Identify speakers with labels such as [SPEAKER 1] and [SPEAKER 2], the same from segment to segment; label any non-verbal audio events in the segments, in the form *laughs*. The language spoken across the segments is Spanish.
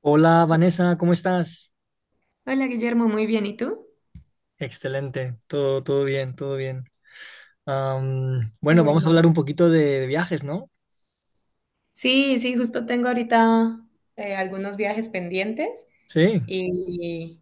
[SPEAKER 1] Hola, Vanessa, ¿cómo estás?
[SPEAKER 2] Hola Guillermo, muy bien. ¿Y tú?
[SPEAKER 1] Excelente, todo bien, todo bien.
[SPEAKER 2] Qué
[SPEAKER 1] Vamos a
[SPEAKER 2] bueno.
[SPEAKER 1] hablar un poquito de viajes, ¿no?
[SPEAKER 2] Sí, sí, justo tengo ahorita algunos viajes pendientes
[SPEAKER 1] Sí,
[SPEAKER 2] y,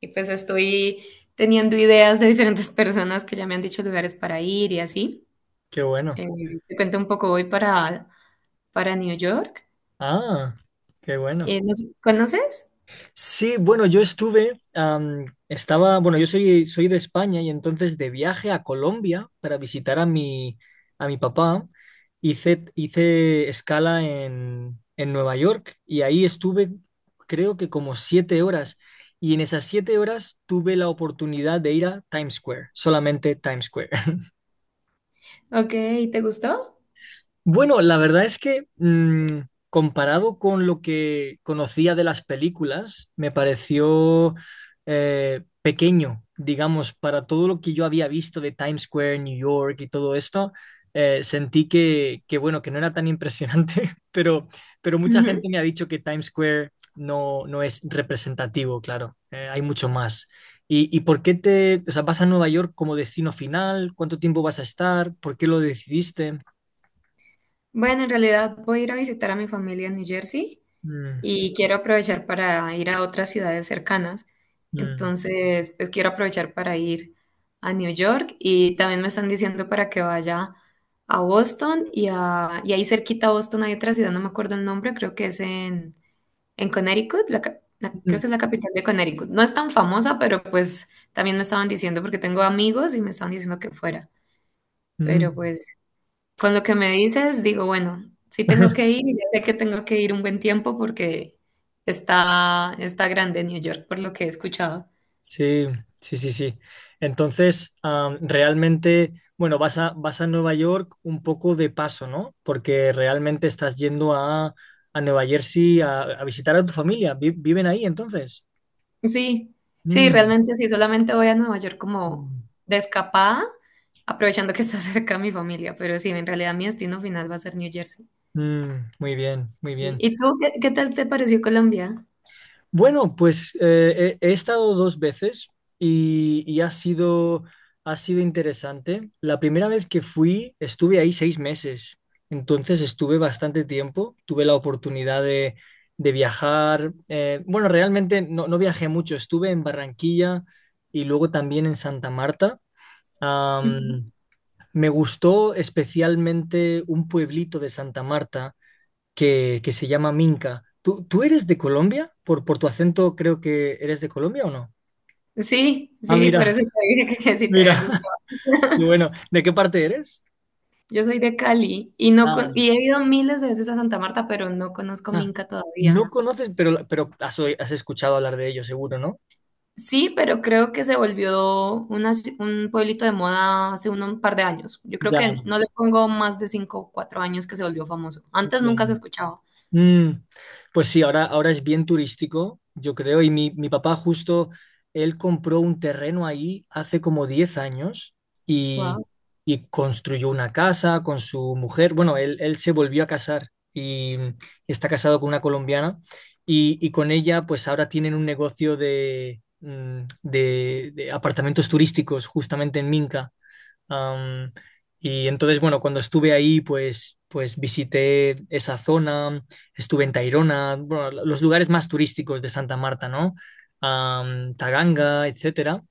[SPEAKER 2] y pues estoy teniendo ideas de diferentes personas que ya me han dicho lugares para ir y así.
[SPEAKER 1] qué bueno.
[SPEAKER 2] Eh, Te cuento un poco, voy para New York.
[SPEAKER 1] Ah, qué bueno.
[SPEAKER 2] No sé, ¿conoces?
[SPEAKER 1] Sí, bueno, estaba, bueno, soy de España y entonces de viaje a Colombia para visitar a a mi papá, hice escala en Nueva York y ahí estuve creo que como 7 horas, y en esas 7 horas tuve la oportunidad de ir a Times Square, solamente Times Square.
[SPEAKER 2] Ok, ¿te gustó?
[SPEAKER 1] Bueno, la verdad es que comparado con lo que conocía de las películas, me pareció pequeño, digamos, para todo lo que yo había visto de Times Square, New York y todo esto. Sentí que, bueno, que no era tan impresionante, *laughs* pero mucha
[SPEAKER 2] Ujú.
[SPEAKER 1] gente me ha dicho que Times Square no es representativo, claro, hay mucho más. ¿Y por qué te, o sea, vas a Nueva York como destino final? ¿Cuánto tiempo vas a estar? ¿Por qué lo decidiste?
[SPEAKER 2] Bueno, en realidad voy a ir a visitar a mi familia en New Jersey
[SPEAKER 1] Mm.
[SPEAKER 2] y quiero aprovechar para ir a otras ciudades cercanas.
[SPEAKER 1] Mm,
[SPEAKER 2] Entonces, pues quiero aprovechar para ir a New York y también me están diciendo para que vaya a Boston y, a, y ahí cerquita a Boston hay otra ciudad, no me acuerdo el nombre, creo que es en Connecticut, creo
[SPEAKER 1] mm,
[SPEAKER 2] que es la capital de Connecticut. No es tan famosa, pero pues también me estaban diciendo porque tengo amigos y me estaban diciendo que fuera.
[SPEAKER 1] mm.
[SPEAKER 2] Pero pues con lo que me dices, digo, bueno, sí tengo que ir
[SPEAKER 1] *laughs*
[SPEAKER 2] y ya sé que tengo que ir un buen tiempo porque está grande New York, por lo que he escuchado.
[SPEAKER 1] Sí, sí, sí, sí. Entonces, realmente, bueno, vas a Nueva York un poco de paso, ¿no? Porque realmente estás yendo a Nueva Jersey a visitar a tu familia. ¿Viven ahí entonces?
[SPEAKER 2] Sí, sí,
[SPEAKER 1] Mm,
[SPEAKER 2] realmente sí, solamente voy a Nueva York como
[SPEAKER 1] mm,
[SPEAKER 2] de escapada, aprovechando que está *laughs* cerca mi familia, pero sí, en realidad mi destino final va a ser New Jersey.
[SPEAKER 1] mm, muy bien, muy bien.
[SPEAKER 2] ¿Y tú qué tal te pareció Colombia?
[SPEAKER 1] Bueno, pues he estado dos veces y ha ha sido interesante. La primera vez que fui, estuve ahí 6 meses, entonces estuve bastante tiempo. Tuve la oportunidad de viajar. Bueno, realmente no viajé mucho, estuve en Barranquilla y luego también en Santa Marta.
[SPEAKER 2] Ujú.
[SPEAKER 1] Am, Me gustó especialmente un pueblito de Santa Marta que se llama Minca. Tú eres de Colombia? Por tu acento creo que eres de Colombia o no.
[SPEAKER 2] Sí,
[SPEAKER 1] Ah,
[SPEAKER 2] sí, por
[SPEAKER 1] mira,
[SPEAKER 2] eso te dije que
[SPEAKER 1] *laughs*
[SPEAKER 2] sí te
[SPEAKER 1] mira.
[SPEAKER 2] había
[SPEAKER 1] Y
[SPEAKER 2] gustado. *laughs*
[SPEAKER 1] bueno, ¿de qué parte eres?
[SPEAKER 2] Yo soy de Cali y no
[SPEAKER 1] Ah,
[SPEAKER 2] con- y he ido miles de veces a Santa Marta, pero no conozco
[SPEAKER 1] ah,
[SPEAKER 2] Minca todavía.
[SPEAKER 1] no conoces, pero, has escuchado hablar de ellos, seguro, ¿no?
[SPEAKER 2] Sí, pero creo que se volvió un pueblito de moda hace un par de años. Yo creo
[SPEAKER 1] Ya,
[SPEAKER 2] que no le pongo más de cinco o cuatro años que se volvió famoso. Antes
[SPEAKER 1] ya.
[SPEAKER 2] nunca se escuchaba.
[SPEAKER 1] Mm, pues sí, ahora es bien turístico, yo creo, mi papá justo, él compró un terreno ahí hace como 10 años y,
[SPEAKER 2] Wow.
[SPEAKER 1] y construyó una casa con su mujer. Bueno, él se volvió a casar y está casado con una colombiana y con ella pues ahora tienen un negocio de apartamentos turísticos justamente en Minca. Am, y entonces, bueno, cuando estuve ahí, pues visité esa zona, estuve en Tayrona, bueno, los lugares más turísticos de Santa Marta, ¿no? Taganga, etcétera.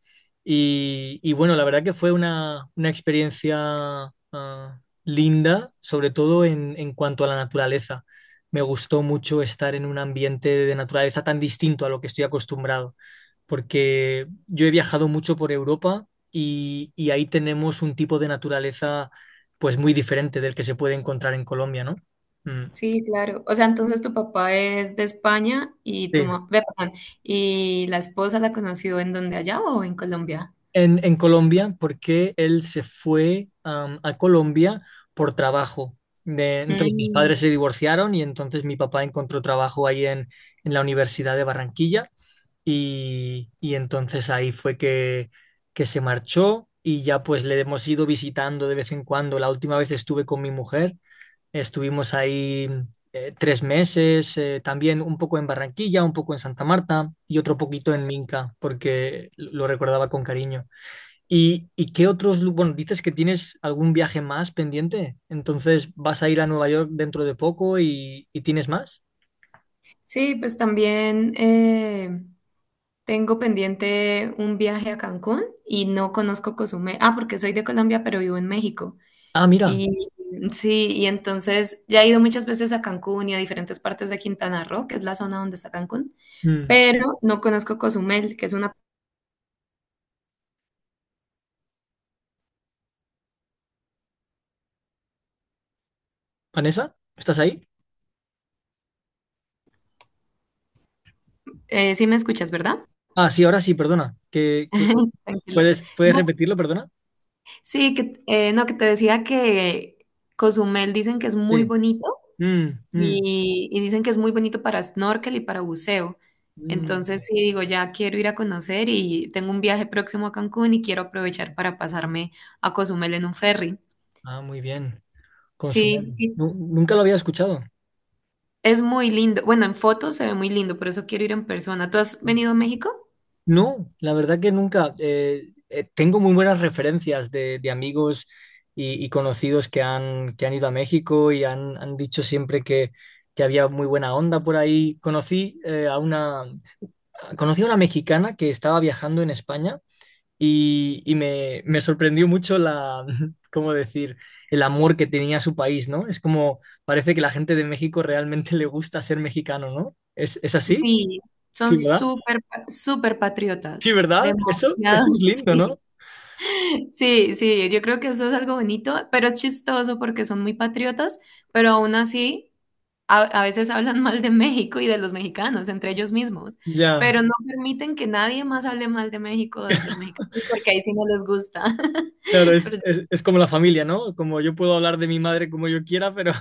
[SPEAKER 1] Y bueno, la verdad que fue una experiencia linda, sobre todo en cuanto a la naturaleza. Me gustó mucho estar en un ambiente de naturaleza tan distinto a lo que estoy acostumbrado, porque yo he viajado mucho por Europa y ahí tenemos un tipo de naturaleza pues muy diferente del que se puede encontrar en Colombia, ¿no? Mm,
[SPEAKER 2] Sí, claro. O sea, entonces tu papá es de España y
[SPEAKER 1] sí.
[SPEAKER 2] tu mamá, perdón, y la esposa la conoció en donde ¿allá o en Colombia?
[SPEAKER 1] En Colombia, porque él se fue a Colombia por trabajo. Entonces mis
[SPEAKER 2] Mm,
[SPEAKER 1] padres se divorciaron y entonces mi papá encontró trabajo ahí en la Universidad de Barranquilla y entonces ahí fue que se marchó y ya pues le hemos ido visitando de vez en cuando. La última vez estuve con mi mujer. Estuvimos ahí 3 meses, también un poco en Barranquilla, un poco en Santa Marta y otro poquito en Minca, porque lo recordaba con cariño. ¿Y qué otros, bueno, dices que tienes algún viaje más pendiente? Entonces, ¿vas a ir a Nueva York dentro de poco y tienes más?
[SPEAKER 2] sí, pues también tengo pendiente un viaje a Cancún y no conozco Cozumel. Ah, porque soy de Colombia, pero vivo en México.
[SPEAKER 1] Ah, mira.
[SPEAKER 2] Y sí, y entonces ya he ido muchas veces a Cancún y a diferentes partes de Quintana Roo, que es la zona donde está Cancún,
[SPEAKER 1] Mm.
[SPEAKER 2] pero no conozco Cozumel, que es una...
[SPEAKER 1] ¿Vanessa? ¿Estás ahí?
[SPEAKER 2] Sí me escuchas, ¿verdad?
[SPEAKER 1] Ah, sí, ahora sí, perdona. Que
[SPEAKER 2] *laughs* Tranquila.
[SPEAKER 1] puedes puedes
[SPEAKER 2] No,
[SPEAKER 1] repetirlo, perdona?
[SPEAKER 2] sí, no, que te decía que Cozumel dicen que es muy
[SPEAKER 1] Sí.
[SPEAKER 2] bonito,
[SPEAKER 1] Mm, mm,
[SPEAKER 2] y dicen que es muy bonito para snorkel y para buceo.
[SPEAKER 1] mm.
[SPEAKER 2] Entonces, sí, digo, ya quiero ir a conocer y tengo un viaje próximo a Cancún y quiero aprovechar para pasarme a Cozumel en un ferry.
[SPEAKER 1] Ah, muy bien. Consumé.
[SPEAKER 2] Sí, y
[SPEAKER 1] Nunca lo había escuchado.
[SPEAKER 2] es muy lindo. Bueno, en fotos se ve muy lindo, por eso quiero ir en persona. ¿Tú has venido a México?
[SPEAKER 1] No, la verdad que nunca. Tengo muy buenas referencias de amigos y conocidos que han ido a México y han dicho siempre que había muy buena onda por ahí. Conocí a una mexicana que estaba viajando en España y, y me sorprendió mucho la, *laughs* ¿cómo decir?, el amor que tenía a su país, ¿no? Es como, parece que la gente de México realmente *laughs* le gusta ser mexicano, ¿no? Es así?
[SPEAKER 2] Sí, son
[SPEAKER 1] Sí.
[SPEAKER 2] súper, súper
[SPEAKER 1] Sí,
[SPEAKER 2] patriotas.
[SPEAKER 1] ¿verdad? Eso,
[SPEAKER 2] Demasiado,
[SPEAKER 1] eso es
[SPEAKER 2] *laughs*
[SPEAKER 1] lindo,
[SPEAKER 2] sí.
[SPEAKER 1] ¿no?
[SPEAKER 2] Sí, sí, yo creo que eso es algo bonito, pero es chistoso porque son muy patriotas, pero aún así a veces hablan mal de México y de los mexicanos entre ellos mismos,
[SPEAKER 1] Ya,
[SPEAKER 2] pero no permiten que nadie más hable mal de México o de los mexicanos porque ahí sí no les gusta. *laughs*
[SPEAKER 1] claro,
[SPEAKER 2] pero, sí-
[SPEAKER 1] es como la familia, ¿no? Como yo puedo hablar de mi madre como yo quiera, pero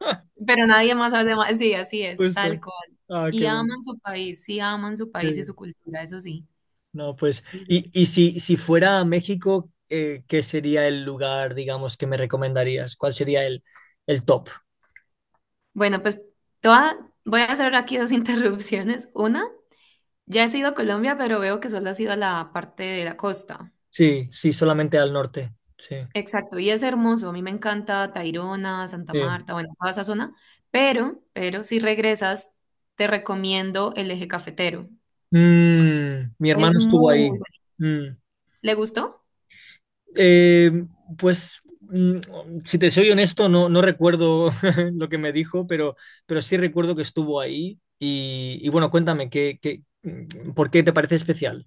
[SPEAKER 1] *laughs*
[SPEAKER 2] pero nadie más hable mal, sí, así es,
[SPEAKER 1] justo.
[SPEAKER 2] tal cual.
[SPEAKER 1] Ah, qué
[SPEAKER 2] Y
[SPEAKER 1] bueno.
[SPEAKER 2] aman su país, sí, aman su país y su
[SPEAKER 1] Sí.
[SPEAKER 2] cultura, eso sí.
[SPEAKER 1] No, pues,
[SPEAKER 2] Eso sí.
[SPEAKER 1] y si, si fuera a México, ¿qué sería el lugar, digamos, que me recomendarías? ¿Cuál sería el top?
[SPEAKER 2] Bueno, pues toda, voy a hacer aquí dos *laughs* interrupciones. Una. Ya he sido a Colombia, pero veo que solo has ido a la parte de la costa.
[SPEAKER 1] Sí, sí, solamente al norte. Sí,
[SPEAKER 2] Exacto, y es hermoso. A mí me encanta Tayrona, Santa
[SPEAKER 1] sí.
[SPEAKER 2] Marta, bueno, toda esa zona. Pero si regresas, te recomiendo el eje cafetero.
[SPEAKER 1] Mm, mi
[SPEAKER 2] Es
[SPEAKER 1] hermano estuvo
[SPEAKER 2] muy
[SPEAKER 1] ahí.
[SPEAKER 2] bueno.
[SPEAKER 1] Mm.
[SPEAKER 2] ¿Le gustó?
[SPEAKER 1] Eh, pues, mm, si te soy honesto, no recuerdo *laughs* lo que me dijo, pero sí recuerdo que estuvo ahí. Y bueno, cuéntame, por qué te parece especial?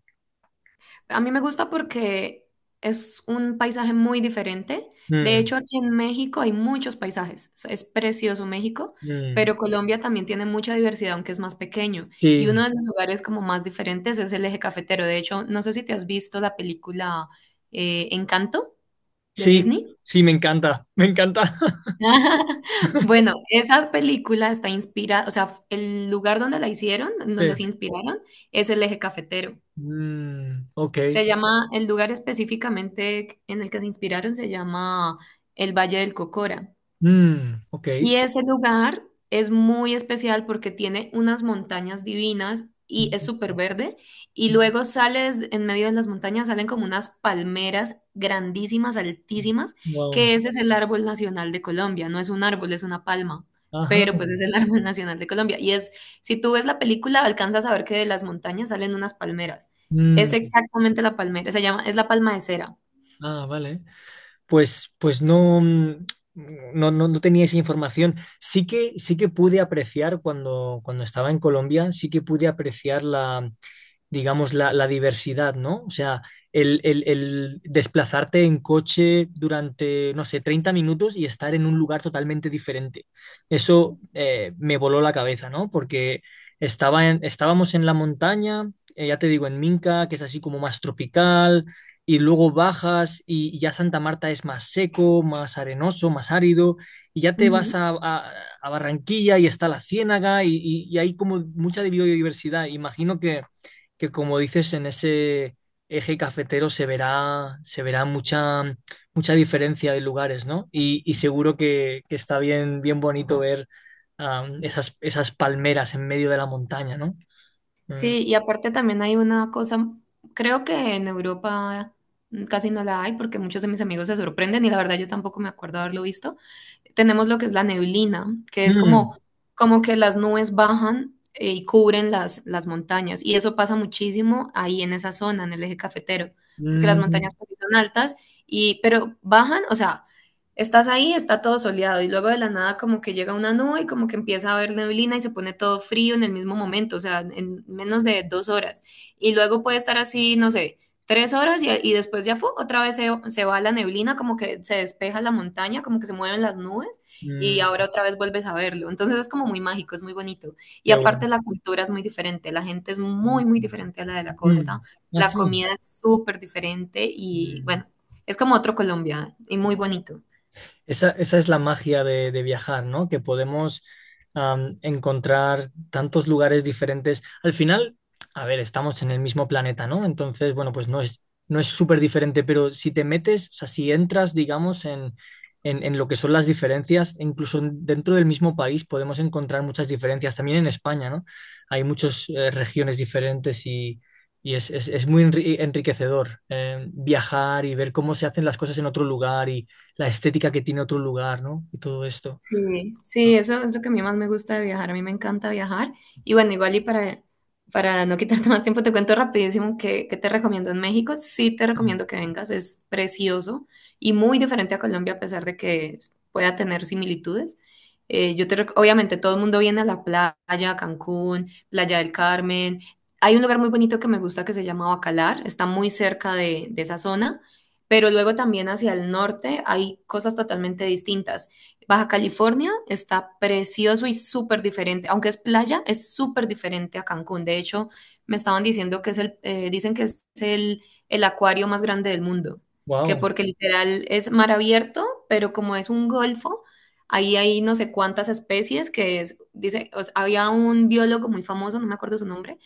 [SPEAKER 2] A mí me gusta porque es un paisaje muy diferente. De
[SPEAKER 1] Mm,
[SPEAKER 2] hecho, aquí en México hay muchos paisajes. O sea, es precioso México,
[SPEAKER 1] mm,
[SPEAKER 2] pero Colombia también tiene mucha diversidad, aunque es más pequeño.
[SPEAKER 1] sí,
[SPEAKER 2] Y uno de los lugares como más diferentes es el Eje Cafetero. De hecho, no sé si te has visto la película Encanto de
[SPEAKER 1] sí,
[SPEAKER 2] Disney.
[SPEAKER 1] sí, me encanta, me encanta.
[SPEAKER 2] *laughs* Bueno,
[SPEAKER 1] *laughs*
[SPEAKER 2] esa película está inspirada, o sea, el lugar donde la hicieron, en
[SPEAKER 1] Sí.
[SPEAKER 2] donde se inspiraron, es el Eje Cafetero.
[SPEAKER 1] Mm, ok,
[SPEAKER 2] Se llama, el lugar específicamente en el que se inspiraron se llama el Valle del Cocora.
[SPEAKER 1] mm, ok.
[SPEAKER 2] Y ese lugar es muy especial porque tiene unas montañas divinas y es
[SPEAKER 1] Mm,
[SPEAKER 2] súper verde. Y
[SPEAKER 1] mm,
[SPEAKER 2] luego
[SPEAKER 1] mm,
[SPEAKER 2] sales en medio de las montañas, salen como unas palmeras grandísimas, altísimas, que
[SPEAKER 1] wow.
[SPEAKER 2] ese es el árbol nacional de Colombia. No es un árbol, es una palma,
[SPEAKER 1] Ajá.
[SPEAKER 2] pero pues es el *laughs* árbol nacional de Colombia. Y es, si tú ves la película, alcanzas a ver que de las montañas salen unas palmeras.
[SPEAKER 1] Mm,
[SPEAKER 2] Es exactamente la palmera, se llama, es la palma de cera.
[SPEAKER 1] ah, vale. Pues, pues no, mm, no, no, no tenía esa información. Sí que pude apreciar cuando, cuando estaba en Colombia, sí que pude apreciar la, digamos, la diversidad, ¿no? O sea, el desplazarte en coche durante, no sé, 30 minutos y estar en un lugar totalmente diferente. Eso me voló la cabeza, ¿no? Porque estábamos en la montaña, ya te digo, en Minca, que es así como más tropical, y luego bajas y ya Santa Marta es más seco, más arenoso, más árido, y ya te
[SPEAKER 2] Ujú.
[SPEAKER 1] a Barranquilla y está la Ciénaga y hay como mucha biodiversidad. Imagino que como dices, en ese eje cafetero se verá mucha, mucha diferencia de lugares, ¿no? Y seguro que está bien, bien bonito ver esas, esas palmeras en medio de la montaña, ¿no? Mm.
[SPEAKER 2] Sí, y aparte también hay una cosa, creo que en Europa casi no la hay porque muchos de mis amigos se sorprenden y la verdad yo tampoco me acuerdo haberlo visto. Tenemos lo que es la neblina, que es
[SPEAKER 1] Mm,
[SPEAKER 2] como, como que las nubes bajan y cubren las montañas, y eso pasa muchísimo ahí en esa zona, en el eje cafetero, porque las
[SPEAKER 1] mm,
[SPEAKER 2] montañas pues, sí son altas y pero bajan, o sea, estás ahí, está todo soleado y luego de la nada como que llega una nube y como que empieza a haber neblina y se pone todo frío en el mismo momento, o sea, en menos de dos horas. Y luego puede estar así, no sé, tres horas y después ya fue, otra vez se va la neblina, como que se despeja la montaña, como que se mueven las nubes y ahora
[SPEAKER 1] mm,
[SPEAKER 2] otra vez vuelves a verlo. Entonces es como muy mágico, es muy bonito. Y
[SPEAKER 1] qué bueno.
[SPEAKER 2] aparte la cultura es muy diferente, la gente es
[SPEAKER 1] Mm,
[SPEAKER 2] muy, muy diferente a la de la costa,
[SPEAKER 1] mm. Ah,
[SPEAKER 2] la
[SPEAKER 1] sí.
[SPEAKER 2] comida es súper diferente y
[SPEAKER 1] Mm.
[SPEAKER 2] bueno, es como otro Colombia y muy bonito.
[SPEAKER 1] Esa es la magia de viajar, ¿no? Que podemos encontrar tantos lugares diferentes. Al final, a ver, estamos en el mismo planeta, ¿no? Entonces, bueno, pues no es súper diferente, pero si te metes, o sea, si entras, digamos, en lo que son las diferencias, dentro del mismo país podemos encontrar muchas diferencias. También en España, ¿no? Hay muchas regiones diferentes y... Y es muy enriquecedor viajar y ver cómo se hacen las cosas en otro lugar y, la estética que tiene otro lugar, ¿no? Y todo esto.
[SPEAKER 2] Sí, sí,
[SPEAKER 1] ¿No?
[SPEAKER 2] eso es lo que a mí más me gusta de viajar. A mí me encanta viajar. Y bueno, igual y para no quitarte más tiempo, te cuento rapidísimo que te recomiendo en México. Sí te recomiendo que vengas, es precioso y muy diferente a Colombia a pesar de que pueda tener similitudes. Obviamente todo el mundo viene a la playa, a Cancún, Playa del Carmen. Hay un lugar muy bonito que me gusta que se llama Bacalar, está muy cerca de esa zona, pero luego también hacia el norte hay cosas totalmente distintas. Baja California está precioso y súper diferente, aunque es playa, es súper diferente a Cancún. De hecho, me estaban diciendo que dicen que es el acuario más grande del mundo, que
[SPEAKER 1] Wow.
[SPEAKER 2] porque literal es mar abierto, pero como es un golfo, ahí hay no sé cuántas especies que es, dice, o sea, había un biólogo muy famoso, no me acuerdo su nombre,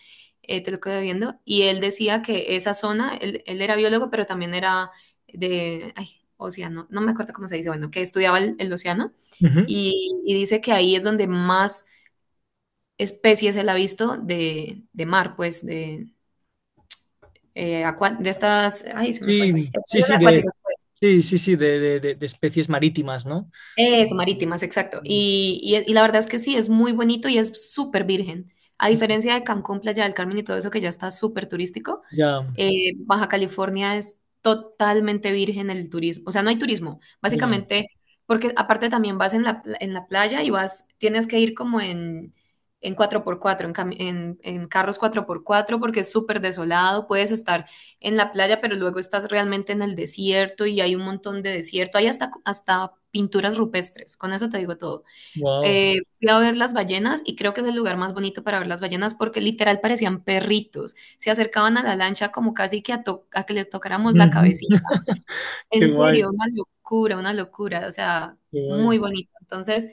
[SPEAKER 2] te lo quedo viendo, y él decía que esa zona, él era biólogo, pero también era de, ay, océano, no me acuerdo cómo se dice, bueno, que estudiaba el océano
[SPEAKER 1] Ujú.
[SPEAKER 2] y dice que ahí es donde más especies él ha visto de mar, pues, de, de estas, ay, se me fue,
[SPEAKER 1] Sí, sí, sí,
[SPEAKER 2] especies acuáticas.
[SPEAKER 1] sí, sí, sí, de especies marítimas, ¿no?
[SPEAKER 2] Eso, marítimas, exacto. Y la verdad es que sí, es muy bonito y es súper virgen. A diferencia de Cancún, Playa del Carmen y todo eso que ya está súper turístico,
[SPEAKER 1] Ya,
[SPEAKER 2] Baja California es totalmente virgen el turismo. O sea, no hay turismo.
[SPEAKER 1] ya.
[SPEAKER 2] Básicamente, porque aparte también vas en la, en la playa y vas, tienes que ir como en carros cuatro por cuatro porque es súper desolado. Puedes estar en la playa, pero luego estás realmente en el desierto y hay un montón de desierto. Hay hasta pinturas rupestres, con eso te digo todo.
[SPEAKER 1] Wow.
[SPEAKER 2] Fui a ver las ballenas y creo que es el lugar más bonito para ver las ballenas porque literal parecían perritos. Se acercaban a la lancha como casi que a que les tocáramos la
[SPEAKER 1] Ujú.
[SPEAKER 2] cabecita.
[SPEAKER 1] *laughs* Qué
[SPEAKER 2] En serio,
[SPEAKER 1] guay,
[SPEAKER 2] una locura, o sea,
[SPEAKER 1] qué guay.
[SPEAKER 2] muy bonito. Entonces,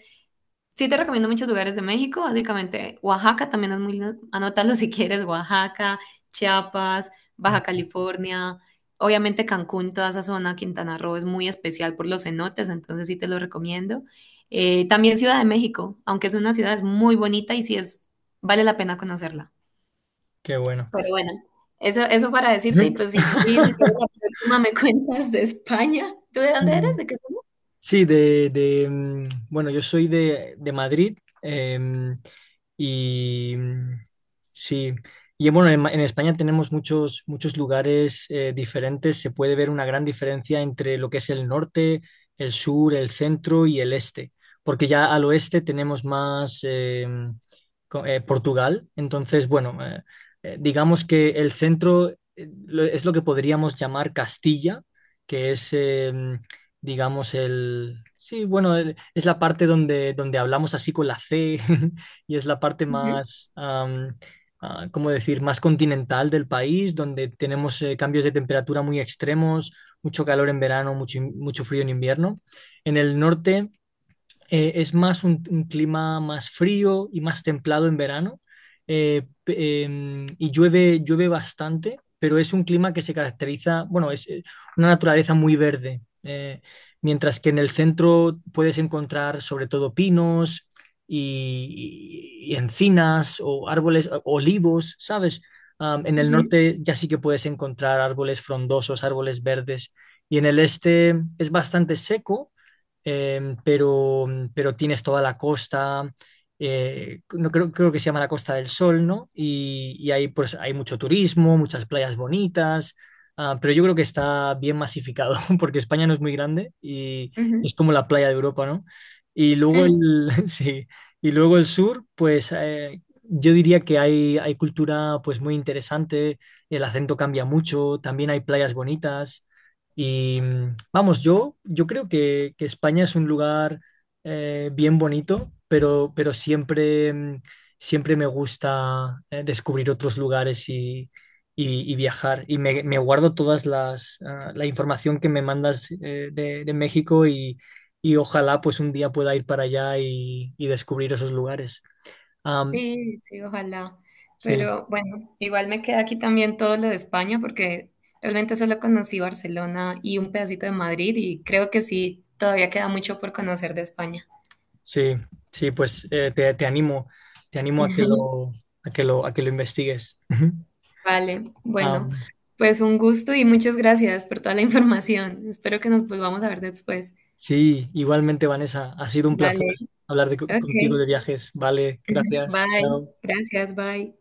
[SPEAKER 2] sí, te recomiendo muchos lugares de México, básicamente Oaxaca también es muy lindo, anótalo si quieres, Oaxaca, Chiapas, Baja California, obviamente Cancún, toda esa zona, Quintana Roo es muy especial por los cenotes, entonces sí te lo recomiendo. También Ciudad de México, aunque es una ciudad es muy bonita y sí es, vale la pena conocerla.
[SPEAKER 1] Qué bueno.
[SPEAKER 2] Pero bueno, eso para decirte y
[SPEAKER 1] Ujú.
[SPEAKER 2] pues igual y si quieres
[SPEAKER 1] *laughs*
[SPEAKER 2] la próxima me *laughs* cuentas de España. ¿Tú de dónde eres? ¿De qué zona?
[SPEAKER 1] Sí, bueno, de Madrid em, y sí, y bueno, en España tenemos muchos, muchos lugares diferentes, se puede ver una gran diferencia entre lo que es el norte, el sur, el centro y el este, porque ya al oeste tenemos más Portugal, entonces bueno, digamos que el centro es lo que podríamos llamar Castilla, que es... digamos, el... Sí, bueno, es la parte donde, donde hablamos así con la C *laughs* y es la parte
[SPEAKER 2] Ujú,
[SPEAKER 1] más, ¿cómo decir?, más continental del país, donde tenemos cambios de temperatura muy extremos, mucho calor en verano, mucho frío en invierno. En el norte... Es más un clima más frío y más templado en verano y llueve, llueve bastante, pero es un clima que se caracteriza, bueno, es una naturaleza muy verde, mientras que en el centro puedes encontrar sobre todo pinos y encinas o árboles, olivos, ¿sabes? En el
[SPEAKER 2] ujú,
[SPEAKER 1] norte ya sí que puedes encontrar árboles frondosos, árboles verdes, y en el este es bastante seco em, pero, pero tienes toda la costa, no, creo, creo que se llama la Costa del Sol, ¿no? Y ahí pues hay mucho turismo, muchas playas bonitas, ah, pero yo creo que está bien masificado, *laughs* porque España no es muy grande y
[SPEAKER 2] ujú.
[SPEAKER 1] es como la playa de Europa, ¿no?
[SPEAKER 2] *laughs*
[SPEAKER 1] *laughs* Sí, y luego el sur, pues yo diría que hay cultura pues muy interesante, el acento cambia mucho, también hay playas bonitas. Y mm, vamos, yo creo que España es un lugar bien bonito, pero siempre, mm, siempre me gusta descubrir otros lugares y viajar. Y me guardo todas las la información que me mandas de México y ojalá pues un día pueda ir para allá y descubrir esos lugares. Am,
[SPEAKER 2] Sí, sí, ojalá.
[SPEAKER 1] sí,
[SPEAKER 2] Pero bueno, igual me queda aquí también todo lo de España porque realmente solo conocí Barcelona y un pedacito de Madrid y creo que sí, todavía queda mucho por conocer de España.
[SPEAKER 1] sí, sí, pues te animo a
[SPEAKER 2] *laughs*
[SPEAKER 1] a que lo investigues. *laughs*
[SPEAKER 2] Vale, bueno,
[SPEAKER 1] Am,
[SPEAKER 2] pues un gusto y muchas gracias por toda la información. Espero que nos volvamos a ver después.
[SPEAKER 1] sí, igualmente, Vanessa, ha sido un placer
[SPEAKER 2] Vale,
[SPEAKER 1] contigo
[SPEAKER 2] ok.
[SPEAKER 1] de viajes. Vale,
[SPEAKER 2] *laughs*
[SPEAKER 1] gracias.
[SPEAKER 2] Bye,
[SPEAKER 1] Chao.
[SPEAKER 2] gracias, bye.